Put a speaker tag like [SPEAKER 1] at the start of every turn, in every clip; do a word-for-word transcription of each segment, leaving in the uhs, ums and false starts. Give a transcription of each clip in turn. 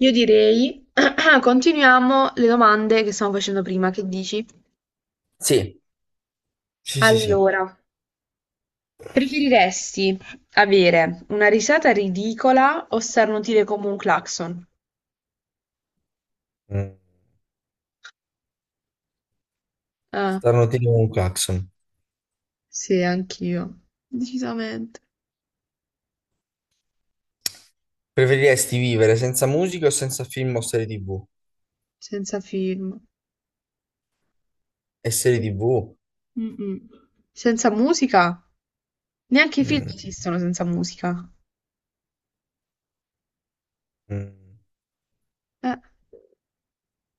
[SPEAKER 1] Io direi, continuiamo le domande che stavamo facendo prima, che dici?
[SPEAKER 2] Sì, sì, sì, sì.
[SPEAKER 1] Allora, preferiresti avere una risata ridicola o starnutire come un clacson?
[SPEAKER 2] Mm.
[SPEAKER 1] Ah,
[SPEAKER 2] Stanno tipo un clacson.
[SPEAKER 1] sì, anch'io. Decisamente.
[SPEAKER 2] Preferiresti vivere senza musica o senza film o serie T V?
[SPEAKER 1] Senza film.
[SPEAKER 2] E serie T V?
[SPEAKER 1] Mm-mm. Senza musica? Neanche i film
[SPEAKER 2] Mm,
[SPEAKER 1] esistono senza musica.
[SPEAKER 2] mm,
[SPEAKER 1] Eh,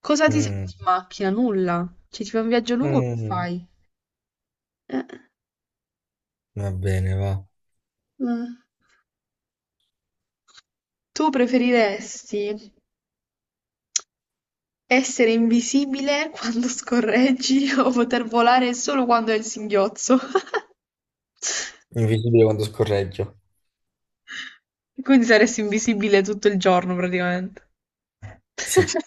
[SPEAKER 1] cosa ti senti
[SPEAKER 2] mm,
[SPEAKER 1] in macchina? Nulla. Cioè, ti fai un viaggio lungo, che
[SPEAKER 2] mm.
[SPEAKER 1] fai? Eh,
[SPEAKER 2] Va bene, va.
[SPEAKER 1] eh. Tu preferiresti essere invisibile quando scorreggi o poter volare solo quando hai il singhiozzo.
[SPEAKER 2] Invisibile quando scorreggio.
[SPEAKER 1] Quindi saresti invisibile tutto il giorno praticamente.
[SPEAKER 2] Sì.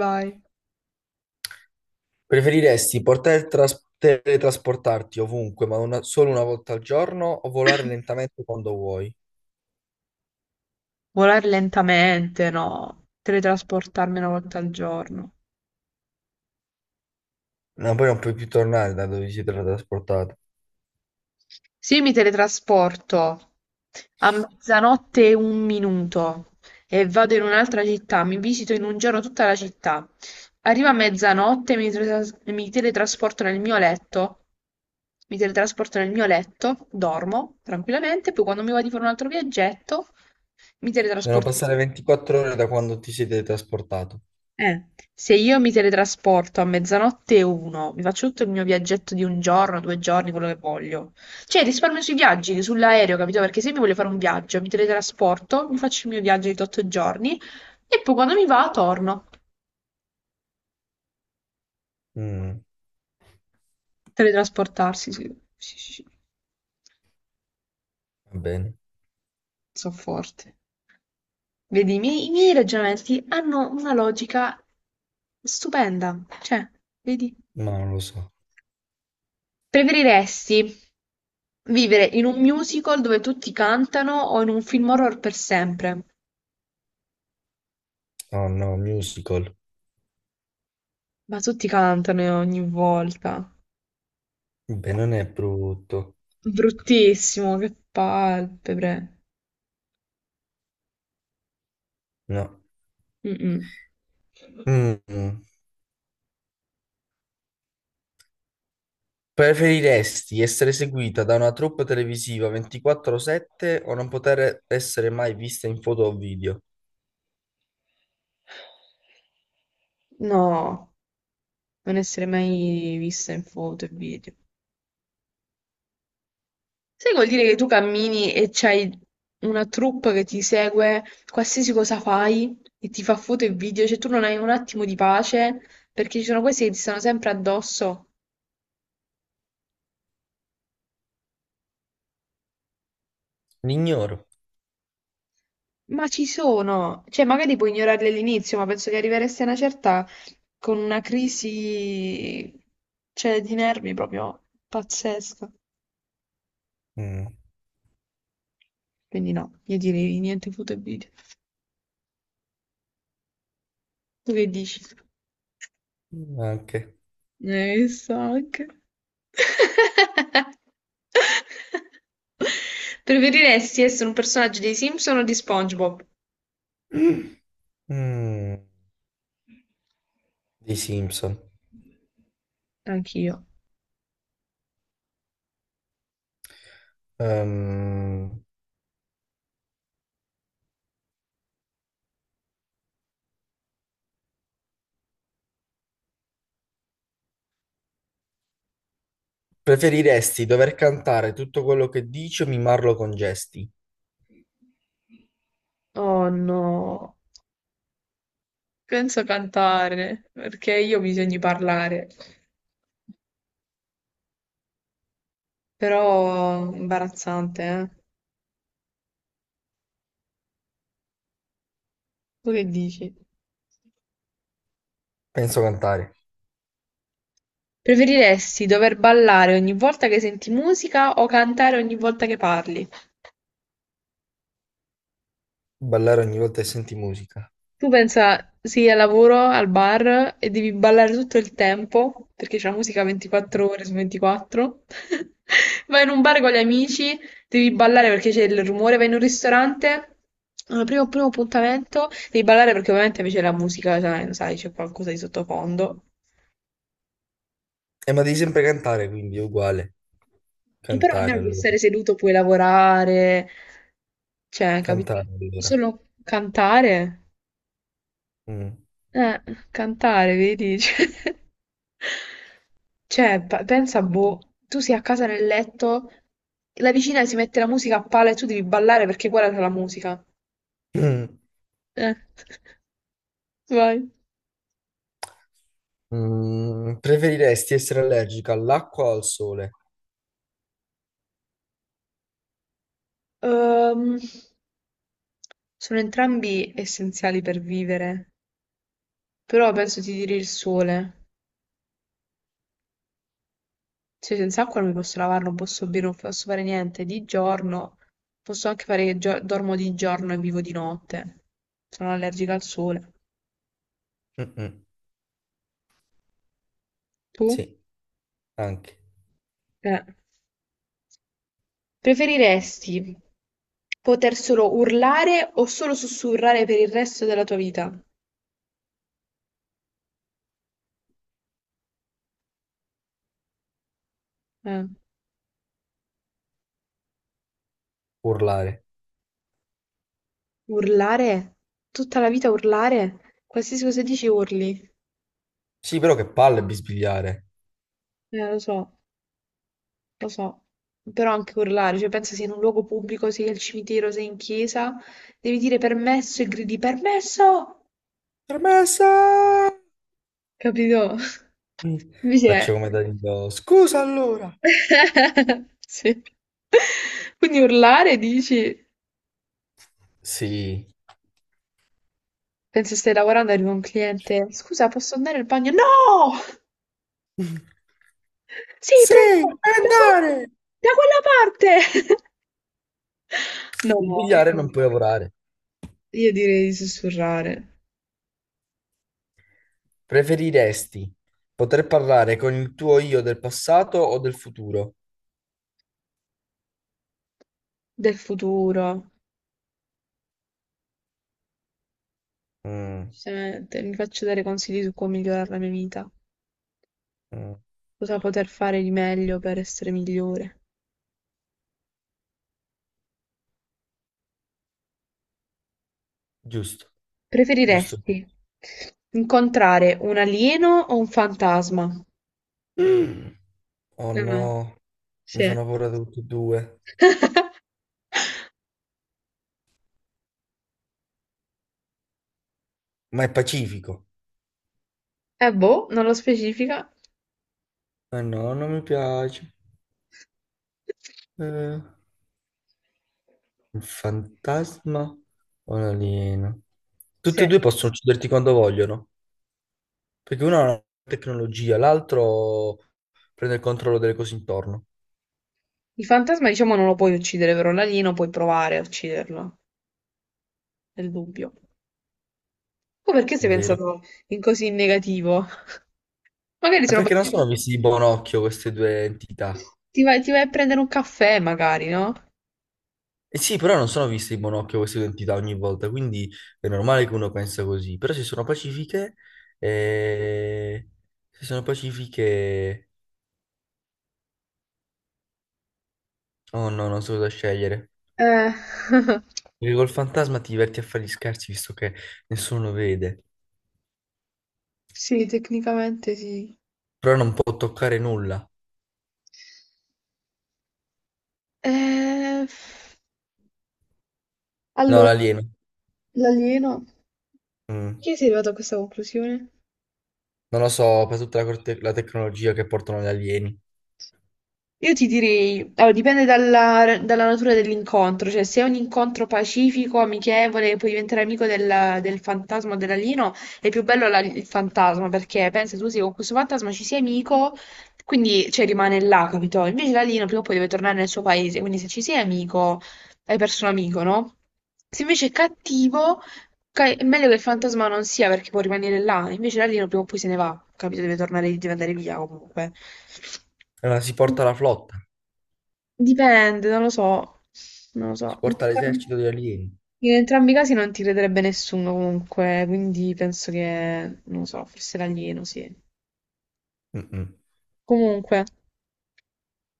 [SPEAKER 1] Vai.
[SPEAKER 2] Preferiresti poter tras- teletrasportarti ovunque, ma una- solo una volta al giorno, o volare lentamente quando vuoi?
[SPEAKER 1] Volare lentamente, no. Teletrasportarmi una volta al giorno.
[SPEAKER 2] No, poi non puoi più tornare da dove ti sei teletrasportato.
[SPEAKER 1] Se io mi teletrasporto a mezzanotte e un minuto e vado in un'altra città, mi visito in un giorno tutta la città, arrivo a mezzanotte, mi, tras- mi teletrasporto nel mio letto, mi teletrasporto nel mio letto, dormo tranquillamente, poi quando mi va di fare un altro viaggetto, mi
[SPEAKER 2] Devono
[SPEAKER 1] teletrasporto.
[SPEAKER 2] passare ventiquattro ore da quando ti sei teletrasportato.
[SPEAKER 1] Eh, se io mi teletrasporto a mezzanotte e uno, mi faccio tutto il mio viaggetto di un giorno, due giorni, quello che voglio. Cioè, risparmio sui viaggi, sull'aereo, capito? Perché se mi voglio fare un viaggio, mi teletrasporto, mi faccio il mio viaggio di otto giorni e poi quando mi va, torno.
[SPEAKER 2] Mm,
[SPEAKER 1] Teletrasportarsi, sì, sì, sì, sì.
[SPEAKER 2] va bene.
[SPEAKER 1] Sono forte. Vedi, i miei, i miei ragionamenti hanno una logica stupenda. Cioè, vedi?
[SPEAKER 2] Ma non lo so.
[SPEAKER 1] Preferiresti vivere in un musical dove tutti cantano o in un film horror per sempre?
[SPEAKER 2] Oh no, musical.
[SPEAKER 1] Ma tutti cantano ogni volta.
[SPEAKER 2] Beh, non è brutto.
[SPEAKER 1] Bruttissimo, che palpebre.
[SPEAKER 2] No.
[SPEAKER 1] Mm-mm.
[SPEAKER 2] Mm. Preferiresti essere seguita da una troupe televisiva ventiquattro sette o non poter essere mai vista in foto o video?
[SPEAKER 1] No, non essere mai vista in foto e video. Sai che vuol dire che tu cammini e c'hai una troupe che ti segue qualsiasi cosa fai e ti fa foto e video, cioè tu non hai un attimo di pace perché ci sono questi che ti stanno sempre addosso.
[SPEAKER 2] L'ignoro.
[SPEAKER 1] Ma ci sono, cioè magari puoi ignorarli all'inizio, ma penso che arriveresti a una certa con una crisi, cioè, di nervi proprio pazzesca.
[SPEAKER 2] Mm.
[SPEAKER 1] Quindi no, io direi niente foto e video. Tu che dici?
[SPEAKER 2] Anche.
[SPEAKER 1] Eh, so anche. Preferiresti essere un personaggio dei Simpson o di SpongeBob?
[SPEAKER 2] Mm. Di Simpson.
[SPEAKER 1] Anch'io.
[SPEAKER 2] Ehm, preferiresti dover cantare tutto quello che dici o mimarlo con gesti?
[SPEAKER 1] Oh no. Penso cantare, perché io ho bisogno di parlare, però imbarazzante, eh? Tu che dici?
[SPEAKER 2] Penso cantare.
[SPEAKER 1] Preferiresti dover ballare ogni volta che senti musica o cantare ogni volta che parli?
[SPEAKER 2] Ballare ogni volta che senti musica.
[SPEAKER 1] Tu pensa, sì, al lavoro, al bar e devi ballare tutto il tempo, perché c'è la musica ventiquattro ore su ventiquattro. Vai in un bar con gli amici, devi ballare perché c'è il rumore, vai in un ristorante, al primo, primo appuntamento, devi ballare perché ovviamente invece la musica, sai, sai, c'è qualcosa di sottofondo.
[SPEAKER 2] Eh, ma devi sempre cantare, quindi è uguale.
[SPEAKER 1] Però
[SPEAKER 2] Cantare
[SPEAKER 1] almeno puoi
[SPEAKER 2] allora.
[SPEAKER 1] stare seduto, puoi lavorare, cioè, capito?
[SPEAKER 2] Cantare allora.
[SPEAKER 1] Solo cantare?
[SPEAKER 2] Mm.
[SPEAKER 1] Eh, cantare, vedi? Cioè, Cioè, pa- pensa, boh, tu sei a casa nel letto, la vicina si mette la musica a palla e tu devi ballare perché quella era la musica. Eh, vai.
[SPEAKER 2] Mm. Mm, Preferiresti essere allergica all'acqua o al sole?
[SPEAKER 1] Ehm, sono entrambi essenziali per vivere, però penso ti direi il sole. Cioè, senza acqua non mi posso lavare, non posso bere, non posso fare niente. Di giorno, posso anche fare che gio- dormo di giorno e vivo di notte. Sono allergica al sole.
[SPEAKER 2] Mm-mm.
[SPEAKER 1] Tu?
[SPEAKER 2] Sì, anche.
[SPEAKER 1] Eh. Preferiresti poter solo urlare o solo sussurrare per il resto della tua vita? Eh,
[SPEAKER 2] Urlare.
[SPEAKER 1] urlare? Tutta la vita urlare? Qualsiasi cosa dici urli.
[SPEAKER 2] Sì, però che palle bisbigliare.
[SPEAKER 1] Eh, lo so, lo so. Però anche urlare, cioè pensa sia in un luogo pubblico, sia al cimitero, sia in chiesa, devi dire permesso e gridi permesso!
[SPEAKER 2] Permessa!
[SPEAKER 1] Capito?
[SPEAKER 2] Mm.
[SPEAKER 1] Invece
[SPEAKER 2] Faccio
[SPEAKER 1] è...
[SPEAKER 2] come Danilo. Scusa allora.
[SPEAKER 1] Sì. Quindi urlare dici?
[SPEAKER 2] Sì.
[SPEAKER 1] Penso stai lavorando, arriva un cliente. Scusa, posso andare al bagno? No! Sì,
[SPEAKER 2] Sì,
[SPEAKER 1] prego! Da quella,
[SPEAKER 2] andare!
[SPEAKER 1] da quella parte! No, io,
[SPEAKER 2] Bisbigliare non puoi lavorare.
[SPEAKER 1] io direi di sussurrare.
[SPEAKER 2] Preferiresti poter parlare con il tuo io del passato o del futuro?
[SPEAKER 1] Del futuro.
[SPEAKER 2] Mm,
[SPEAKER 1] Giustamente, mi faccio dare consigli su come migliorare la mia vita.
[SPEAKER 2] mm,
[SPEAKER 1] Cosa poter fare di meglio per essere migliore.
[SPEAKER 2] Giusto, giusto.
[SPEAKER 1] Preferiresti incontrare un alieno o un fantasma?
[SPEAKER 2] Mm. Oh
[SPEAKER 1] Mm,
[SPEAKER 2] no, mi
[SPEAKER 1] sì. Eh
[SPEAKER 2] fanno paura tutti e due. Ma è pacifico.
[SPEAKER 1] boh, non lo specifica.
[SPEAKER 2] Ma no, non mi piace. Eh, un fantasma o un alieno? Tutti
[SPEAKER 1] Sì.
[SPEAKER 2] e due possono ucciderti quando vogliono, perché uno ha una tecnologia, l'altro prende il controllo delle cose intorno,
[SPEAKER 1] Il fantasma, diciamo, non lo puoi uccidere, però l'alieno puoi provare a ucciderlo, nel dubbio. Tu perché
[SPEAKER 2] è
[SPEAKER 1] sei
[SPEAKER 2] vero?
[SPEAKER 1] pensato in così in negativo? Magari
[SPEAKER 2] Ma
[SPEAKER 1] sono...
[SPEAKER 2] perché non sono visti di buon occhio queste due entità?
[SPEAKER 1] Ti vai, ti vai a prendere un caffè, magari, no?
[SPEAKER 2] Eh sì, però non sono viste in monocchio queste identità ogni volta, quindi è normale che uno pensa così. Però se sono pacifiche, eh, se sono pacifiche, oh no, non so cosa scegliere.
[SPEAKER 1] Eh.
[SPEAKER 2] Perché col fantasma ti diverti a fare gli scherzi visto che nessuno vede,
[SPEAKER 1] Sì, tecnicamente sì.
[SPEAKER 2] però non può toccare nulla.
[SPEAKER 1] Eh,
[SPEAKER 2] No,
[SPEAKER 1] allora,
[SPEAKER 2] l'alieno.
[SPEAKER 1] l'alieno...
[SPEAKER 2] Mm.
[SPEAKER 1] Perché sei arrivato a questa conclusione?
[SPEAKER 2] Non lo so, per tutta la, corte- la tecnologia che portano gli alieni.
[SPEAKER 1] Io ti direi, allora, dipende dalla, dalla natura dell'incontro, cioè se è un incontro pacifico, amichevole, puoi diventare amico del, del fantasma o dell'alieno, è più bello la- il fantasma perché pensa tu sì, con questo fantasma ci sei amico, quindi cioè, rimane là, capito? Invece l'alieno prima o poi deve tornare nel suo paese, quindi se ci sei amico, hai perso un amico, no? Se invece è cattivo, ca- è meglio che il fantasma non sia perché può rimanere là, invece l'alieno prima o poi se ne va, capito? Deve tornare, deve andare via comunque.
[SPEAKER 2] Allora si porta la flotta,
[SPEAKER 1] Dipende, non lo so, non lo
[SPEAKER 2] si
[SPEAKER 1] so. In
[SPEAKER 2] porta
[SPEAKER 1] entrambi,
[SPEAKER 2] l'esercito degli alieni.
[SPEAKER 1] in entrambi i casi non ti crederebbe nessuno comunque, quindi penso che, non lo so, forse l'alieno, sì.
[SPEAKER 2] Mm-mm.
[SPEAKER 1] Comunque,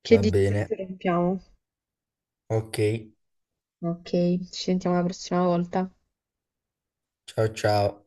[SPEAKER 1] che
[SPEAKER 2] Va
[SPEAKER 1] dici se
[SPEAKER 2] bene,
[SPEAKER 1] interrompiamo?
[SPEAKER 2] ok,
[SPEAKER 1] Ok, ci sentiamo la prossima volta.
[SPEAKER 2] ciao ciao.